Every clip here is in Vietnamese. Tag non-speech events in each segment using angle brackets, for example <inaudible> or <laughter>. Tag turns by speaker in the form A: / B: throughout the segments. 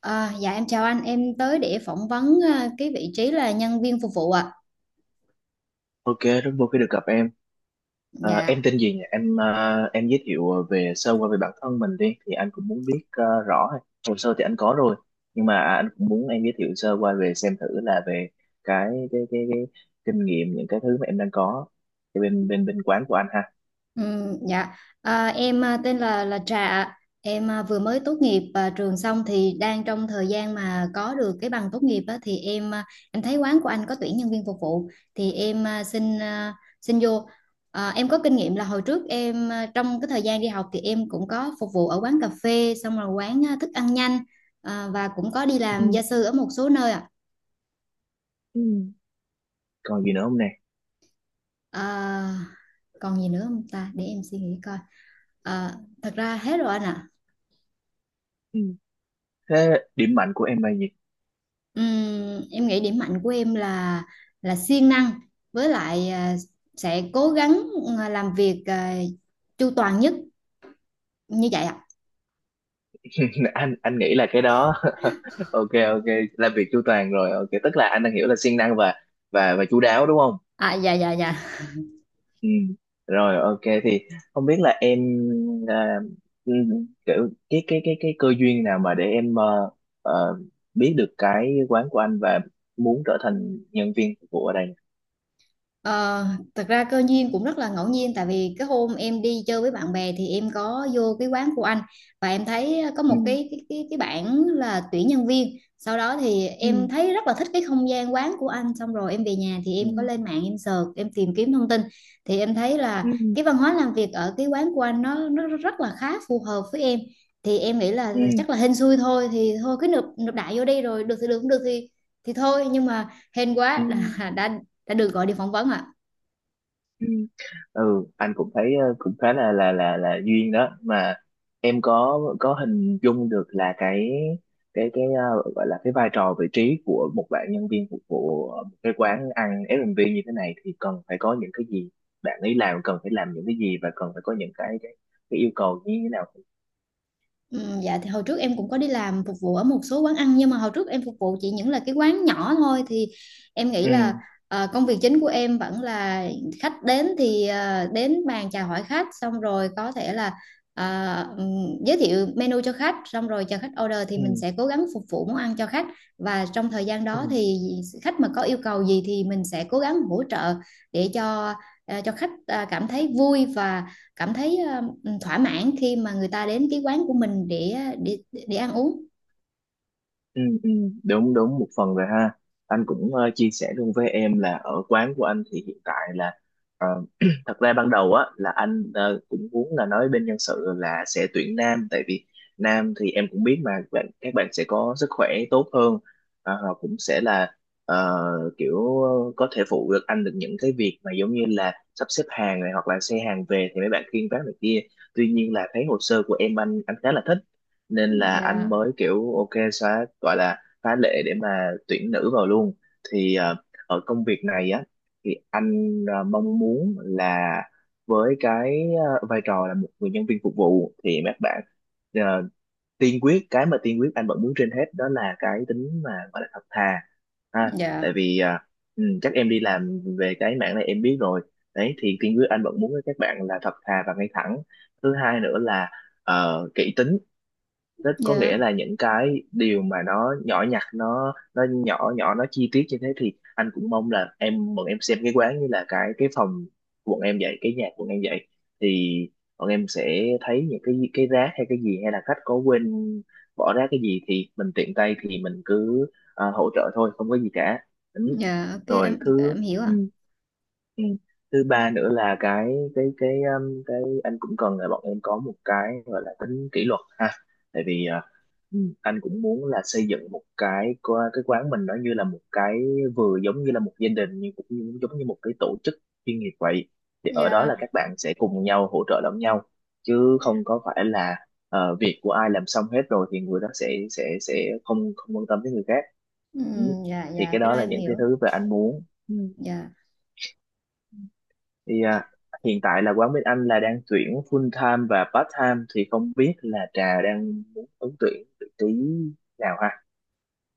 A: À, dạ em chào anh, em tới để phỏng vấn cái vị trí là nhân viên phục vụ ạ.
B: Ok, rất vui khi được gặp em.
A: Dạ,
B: Em tên gì nhỉ? Em giới thiệu về sơ qua về bản thân mình đi, thì anh cũng muốn biết rõ. Hồ sơ thì anh có rồi, nhưng mà anh cũng muốn em giới thiệu sơ qua về xem thử là về cái kinh nghiệm những cái thứ mà em đang có ở bên bên bên quán của anh ha.
A: dạ. À, em tên là Trà ạ. Em vừa mới tốt nghiệp trường xong thì đang trong thời gian mà có được cái bằng tốt nghiệp á, thì em thấy quán của anh có tuyển nhân viên phục vụ thì em xin vô. À, em có kinh nghiệm là hồi trước em trong cái thời gian đi học thì em cũng có phục vụ ở quán cà phê, xong rồi quán thức ăn nhanh và cũng có đi làm
B: Ừ.
A: gia sư ở một số nơi ạ.
B: Ừ. Còn gì nữa không nè?
A: À, còn gì nữa không ta? Để em suy nghĩ coi. À, thật ra hết rồi anh ạ.
B: Ừ. Thế điểm mạnh của em là gì?
A: Em nghĩ điểm mạnh của em là siêng năng với lại sẽ cố gắng làm việc chu toàn nhất như vậy ạ.
B: <laughs> Anh nghĩ là cái đó. <laughs> Ok ok, làm việc chu toàn rồi. Ok, tức là anh đang hiểu là siêng năng và và chu đáo đúng không?
A: À, dạ, dạ, dạ.
B: Ừ. Rồi ok thì không biết là em à, ừ, kiểu cái cơ duyên nào mà để em ờ, biết được cái quán của anh và muốn trở thành nhân viên phục vụ ở đây.
A: Ờ, Thật ra cơ duyên cũng rất là ngẫu nhiên, tại vì cái hôm em đi chơi với bạn bè thì em có vô cái quán của anh và em thấy có
B: Ừ.
A: một cái bảng là tuyển nhân viên. Sau đó thì
B: Ừ.
A: em thấy rất là thích cái không gian quán của anh, xong rồi em về nhà thì em có
B: Ừ.
A: lên mạng em search em tìm kiếm thông tin, thì em thấy là
B: Ừ.
A: cái văn hóa làm việc ở cái quán của anh nó rất là khá phù hợp với em. Thì em nghĩ là
B: Ừ.
A: chắc là hên xui thôi, thì thôi cứ nộp nộp đại vô đi, rồi được thì được, không được thì thôi. Nhưng mà hên
B: Ừ.
A: quá là <laughs> đã được gọi đi phỏng vấn ạ.
B: Ừ, ừ anh cũng thấy cũng khá là là duyên đó mà em có hình dung được là cái cái gọi là cái vai trò vị trí của một bạn nhân viên phục vụ ở một cái quán ăn F&B như thế này thì cần phải có những cái gì, bạn ấy làm cần phải làm những cái gì và cần phải có những cái yêu cầu như thế nào.
A: Ừ, dạ thì hồi trước em cũng có đi làm phục vụ ở một số quán ăn, nhưng mà hồi trước em phục vụ chỉ những là cái quán nhỏ thôi thì em nghĩ
B: Ừ
A: là công việc chính của em vẫn là khách đến thì đến bàn chào hỏi khách, xong rồi có thể là giới thiệu menu cho khách, xong rồi chờ khách order thì mình
B: ừ.
A: sẽ cố gắng phục vụ món ăn cho khách. Và trong thời gian
B: Ừ,
A: đó thì khách mà có yêu cầu gì thì mình sẽ cố gắng hỗ trợ để cho khách cảm thấy vui và cảm thấy thỏa mãn khi mà người ta đến cái quán của mình để ăn uống.
B: Ừ, ừ, đúng đúng một phần rồi ha. Anh cũng chia sẻ luôn với em là ở quán của anh thì hiện tại là ờ, <clears throat> thật ra ban đầu á là anh cũng muốn là nói bên nhân sự là sẽ tuyển nam, tại vì nam thì em cũng biết mà, bạn các bạn sẽ có sức khỏe tốt hơn. Ờ, họ cũng sẽ là ờ, kiểu có thể phụ được anh được những cái việc mà giống như là sắp xếp hàng này hoặc là xe hàng về thì mấy bạn khiêng vác này kia. Tuy nhiên là thấy hồ sơ của em anh khá là thích, nên là anh
A: Dạ,
B: mới kiểu ok xóa, gọi là phá lệ để mà tuyển nữ vào luôn. Thì ở công việc này á thì anh mong muốn là với cái vai trò là một người nhân viên phục vụ thì các bạn ờ, tiên quyết cái mà tiên quyết anh vẫn muốn trên hết đó là cái tính mà gọi là thật thà ha,
A: dạ,
B: tại vì chắc em đi làm về cái mảng này em biết rồi đấy, thì tiên quyết anh vẫn muốn các bạn là thật thà và ngay thẳng. Thứ hai nữa là kỹ tính. Tức có nghĩa
A: dạ,
B: là những cái điều mà nó nhỏ nhặt, nó nhỏ nhỏ, nó chi tiết như thế thì anh cũng mong là em bọn em xem cái quán như là cái phòng bọn em vậy, cái nhà bọn em vậy, thì bọn em sẽ thấy những cái rác hay cái gì hay là khách có quên bỏ rác cái gì thì mình tiện tay thì mình cứ hỗ trợ thôi, không có gì cả. Ừ.
A: dạ, ok
B: Rồi
A: em
B: thứ.
A: em hiểu
B: Ừ.
A: ạ.
B: Ừ. Thứ ba nữa là cái cái anh cũng cần là bọn em có một cái gọi là tính kỷ luật ha, tại vì Ừ, anh cũng muốn là xây dựng một cái cái quán mình nó như là một cái vừa giống như là một gia đình nhưng cũng như, giống như một cái tổ chức chuyên nghiệp vậy. Thì ở đó
A: Dạ.
B: là các bạn sẽ cùng nhau hỗ trợ lẫn nhau, chứ không có phải là việc của ai làm xong hết rồi thì người đó sẽ sẽ không không quan tâm tới người khác. Ừ.
A: Dạ,
B: Thì
A: dạ,
B: cái
A: cái
B: đó
A: đó
B: là
A: em
B: những cái
A: hiểu.
B: thứ mà anh muốn. Ừ.
A: Dạ.
B: Thì hiện tại là quán bên anh là đang tuyển full time và part time, thì không biết là Trà đang muốn ứng tuyển vị trí nào ha?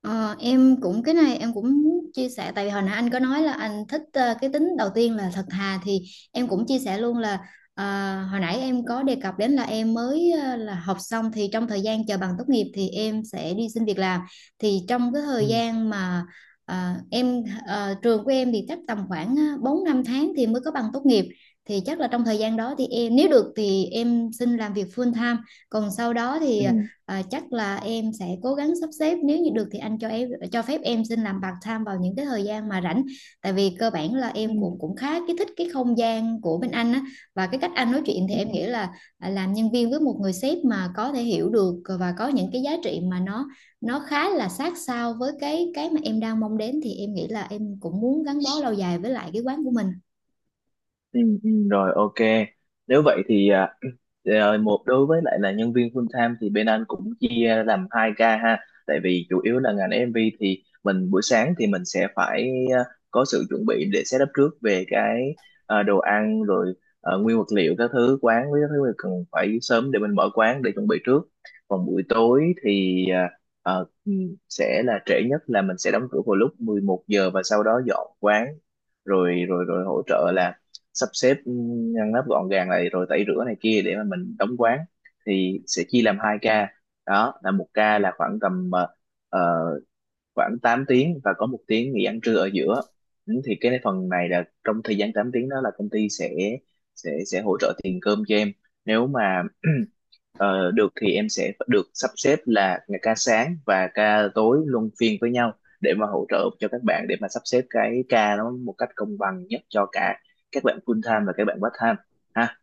A: Ờ, em cũng Cái này em cũng muốn chia sẻ, tại vì hồi nãy anh có nói là anh thích cái tính đầu tiên là thật thà, thì em cũng chia sẻ luôn là ờ, hồi nãy em có đề cập đến là em mới là học xong thì trong thời gian chờ bằng tốt nghiệp thì em sẽ đi xin việc làm. Thì trong cái thời
B: Ừ.
A: gian mà trường của em thì chắc tầm khoảng 4 5 tháng thì mới có bằng tốt nghiệp, thì chắc là trong thời gian đó thì em nếu được thì em xin làm việc full time. Còn sau đó thì
B: Ừ.
A: chắc là em sẽ cố gắng sắp xếp, nếu như được thì anh cho phép em xin làm part time vào những cái thời gian mà rảnh, tại vì cơ bản là
B: Ừ.
A: em cũng cũng khá cái thích cái không gian của bên anh á. Và cái cách anh nói chuyện thì
B: Ừ.
A: em nghĩ là làm nhân viên với một người sếp mà có thể hiểu được và có những cái giá trị mà nó khá là sát sao với cái mà em đang mong đến, thì em nghĩ là em cũng muốn gắn bó lâu dài với lại cái quán của mình.
B: Ừ, rồi ok, nếu vậy thì <clears throat> một đối với lại là nhân viên full time thì bên anh cũng chia làm 2 ca ha, tại vì chủ yếu là ngành MV thì mình buổi sáng thì mình sẽ phải à, có sự chuẩn bị để setup trước về cái đồ ăn rồi nguyên vật liệu các thứ quán với các thứ mình cần phải sớm để mình mở quán để chuẩn bị trước. Còn buổi tối thì ờ, ừ, sẽ là trễ nhất là mình sẽ đóng cửa vào lúc 11 giờ và sau đó dọn quán rồi rồi rồi hỗ trợ là sắp xếp ngăn nắp gọn gàng này rồi tẩy rửa này kia để mà mình đóng quán. Thì sẽ chia làm 2 ca, đó là một ca là khoảng tầm ờ, khoảng 8 tiếng và có 1 tiếng nghỉ ăn trưa ở giữa. Ừ, thì cái phần này là trong thời gian 8 tiếng đó là công ty sẽ sẽ hỗ trợ tiền cơm cho em. Nếu mà <clears throat> được thì em sẽ được sắp xếp là ngày ca sáng và ca tối luân phiên với nhau để mà hỗ trợ cho các bạn để mà sắp xếp cái ca nó một cách công bằng nhất cho cả các bạn full time và các bạn part time ha.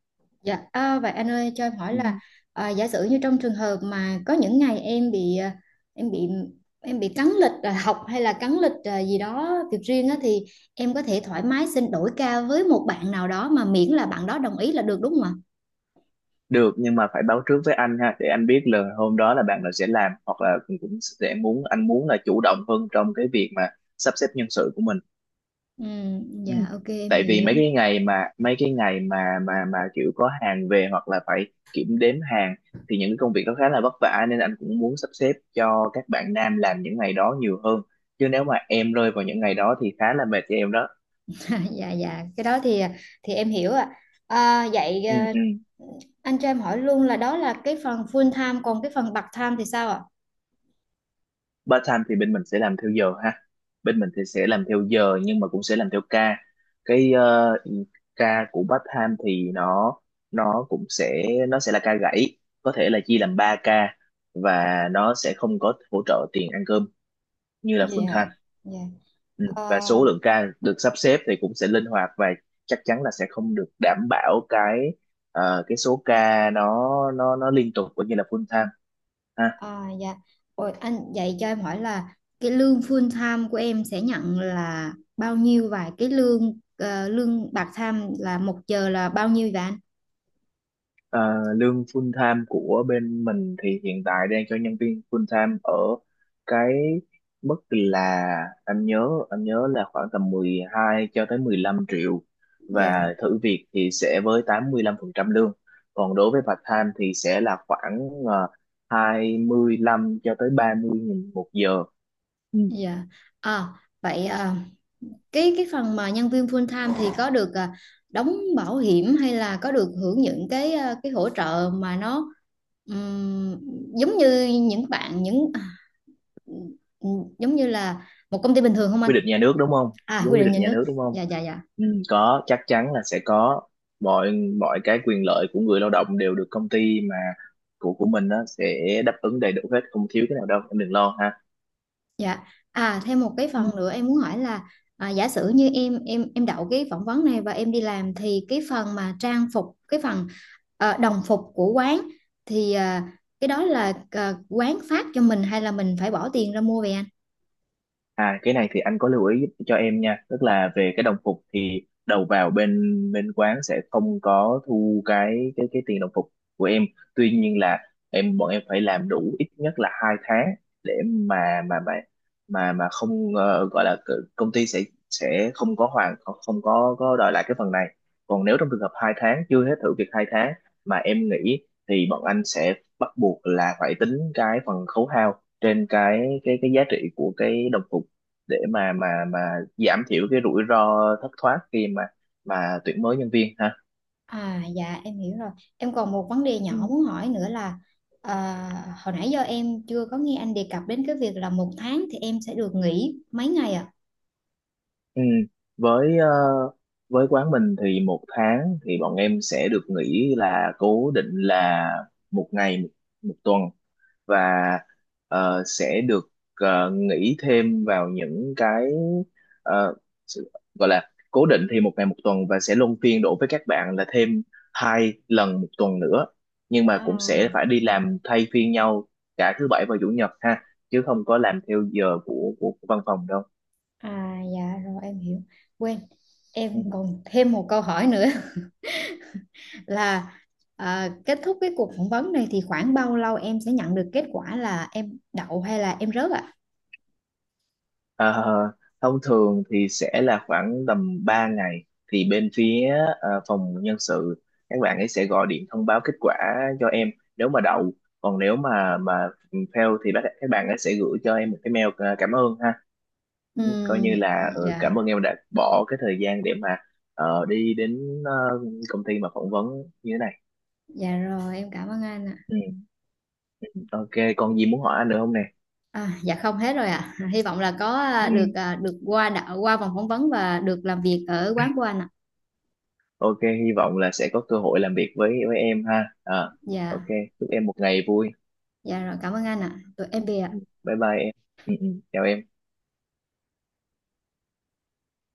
A: Dạ, vậy anh ơi cho em hỏi là
B: Ừ.
A: giả sử như trong trường hợp mà có những ngày em bị à, em bị em bị cắn lịch học hay là cắn lịch gì đó việc riêng á, thì em có thể thoải mái xin đổi ca với một bạn nào đó mà miễn là bạn đó đồng ý là được đúng không ạ?
B: Được nhưng mà phải báo trước với anh ha để anh biết là hôm đó là bạn nào sẽ làm, hoặc là cũng cũng sẽ muốn anh muốn là chủ động hơn trong cái việc mà sắp xếp nhân sự của mình.
A: Ừ,
B: Ừ.
A: dạ ok em
B: Tại vì
A: hiểu.
B: mấy cái ngày mà kiểu có hàng về hoặc là phải kiểm đếm hàng, thì những cái công việc đó khá là vất vả nên anh cũng muốn sắp xếp cho các bạn nam làm những ngày đó nhiều hơn. Chứ nếu mà em rơi vào những ngày đó thì khá là mệt cho em đó.
A: <laughs> dạ, dạ, cái đó thì em hiểu ạ. À, vậy
B: Ừ, ừ.
A: anh cho em hỏi luôn là đó là cái phần full time, còn cái phần part time thì sao ạ?
B: Part-time thì bên mình sẽ làm theo giờ ha, bên mình thì sẽ làm theo giờ nhưng mà cũng sẽ làm theo ca. Cái ca của part-time thì nó cũng sẽ nó sẽ là ca gãy, có thể là chia làm 3 ca. Và nó sẽ không có hỗ trợ tiền ăn cơm như là
A: Dạ.
B: full-time.
A: Dạ.
B: Ừ.
A: Ờ,
B: Và số lượng ca được sắp xếp thì cũng sẽ linh hoạt và chắc chắn là sẽ không được đảm bảo cái cái số ca nó liên tục cũng như là full-time.
A: à, dạ. Ôi, anh vậy cho em hỏi là cái lương full time của em sẽ nhận là bao nhiêu và cái lương part time là một giờ là bao nhiêu vậy anh?
B: Ờ, lương full time của bên mình thì hiện tại đang cho nhân viên full time ở cái mức là anh nhớ là khoảng tầm 12 cho tới 15 triệu,
A: Dạ,
B: và thử việc thì sẽ với 85% lương. Còn đối với part time thì sẽ là khoảng 25 cho tới 30 nghìn một giờ. Ừ.
A: dạ. À, vậy cái phần mà nhân viên full time thì có được đóng bảo hiểm hay là có được hưởng những cái hỗ trợ mà nó ừm, giống như những bạn những à, giống như là một công ty bình thường không anh?
B: Quy định nhà nước đúng không?
A: À,
B: Đúng
A: quy
B: quy
A: định
B: định
A: nhà
B: nhà
A: nước.
B: nước đúng không?
A: Dạ, dạ, dạ.
B: Ừ, có, chắc chắn là sẽ có mọi mọi cái quyền lợi của người lao động đều được công ty mà của mình đó sẽ đáp ứng đầy đủ hết không thiếu cái nào đâu, em đừng lo ha.
A: Dạ. À thêm một cái phần nữa em muốn hỏi là giả sử như em đậu cái phỏng vấn này và em đi làm thì cái phần mà trang phục đồng phục của quán thì cái đó là quán phát cho mình hay là mình phải bỏ tiền ra mua về anh?
B: À cái này thì anh có lưu ý giúp cho em nha, tức là về cái đồng phục thì đầu vào bên bên quán sẽ không có thu cái tiền đồng phục của em. Tuy nhiên là bọn em phải làm đủ ít nhất là 2 tháng để mà không gọi là công ty sẽ không có hoàn không không có có đòi lại cái phần này. Còn nếu trong trường hợp hai tháng chưa hết thử việc 2 tháng mà em nghỉ thì bọn anh sẽ bắt buộc là phải tính cái phần khấu hao trên cái giá trị của cái đồng phục để mà giảm thiểu cái rủi ro thất thoát khi mà tuyển mới nhân viên ha.
A: À, dạ em hiểu rồi. Em còn một vấn đề
B: Ừ.
A: nhỏ muốn hỏi nữa là à, hồi nãy giờ em chưa có nghe anh đề cập đến cái việc là một tháng thì em sẽ được nghỉ mấy ngày ạ?
B: Ừ. Với với quán mình thì một tháng thì bọn em sẽ được nghỉ là cố định là một ngày một, một tuần. Và sẽ được nghỉ thêm vào những cái ờ, sự- gọi là cố định thì một ngày một tuần và sẽ luân phiên đổ với các bạn là thêm 2 lần 1 tuần nữa, nhưng mà cũng
A: À?
B: sẽ phải đi làm thay phiên nhau cả thứ bảy và chủ nhật ha, chứ không có làm theo giờ của văn phòng đâu.
A: À, dạ rồi em hiểu. Quên,
B: Ừ.
A: em còn thêm một câu hỏi nữa <laughs> là kết thúc cái cuộc phỏng vấn này thì khoảng bao lâu em sẽ nhận được kết quả là em đậu hay là em rớt ạ?
B: Ờ, thông thường thì sẽ là khoảng tầm 3 ngày thì bên phía phòng nhân sự các bạn ấy sẽ gọi điện thông báo kết quả cho em nếu mà đậu. Còn nếu mà fail thì các bạn ấy sẽ gửi cho em một cái mail cảm ơn ha. Ừ, coi
A: Ừm,
B: như là
A: dạ,
B: cảm ơn em đã bỏ cái thời gian để mà đi đến ờ, công ty mà phỏng vấn như thế này.
A: dạ rồi em cảm ơn anh ạ.
B: ừ, ok, còn gì muốn hỏi anh nữa không nè?
A: À, dạ không hết rồi ạ. <laughs> Hy vọng là
B: ừ,
A: được qua đậu qua vòng phỏng vấn và được làm việc ở quán của anh ạ.
B: ok, hy vọng là sẽ có cơ hội làm việc với em ha. Ờ, ok,
A: Dạ,
B: chúc em một ngày vui.
A: dạ rồi cảm ơn anh ạ. Tụi
B: Ừ,
A: em về ạ.
B: Bye bye em. Chào em.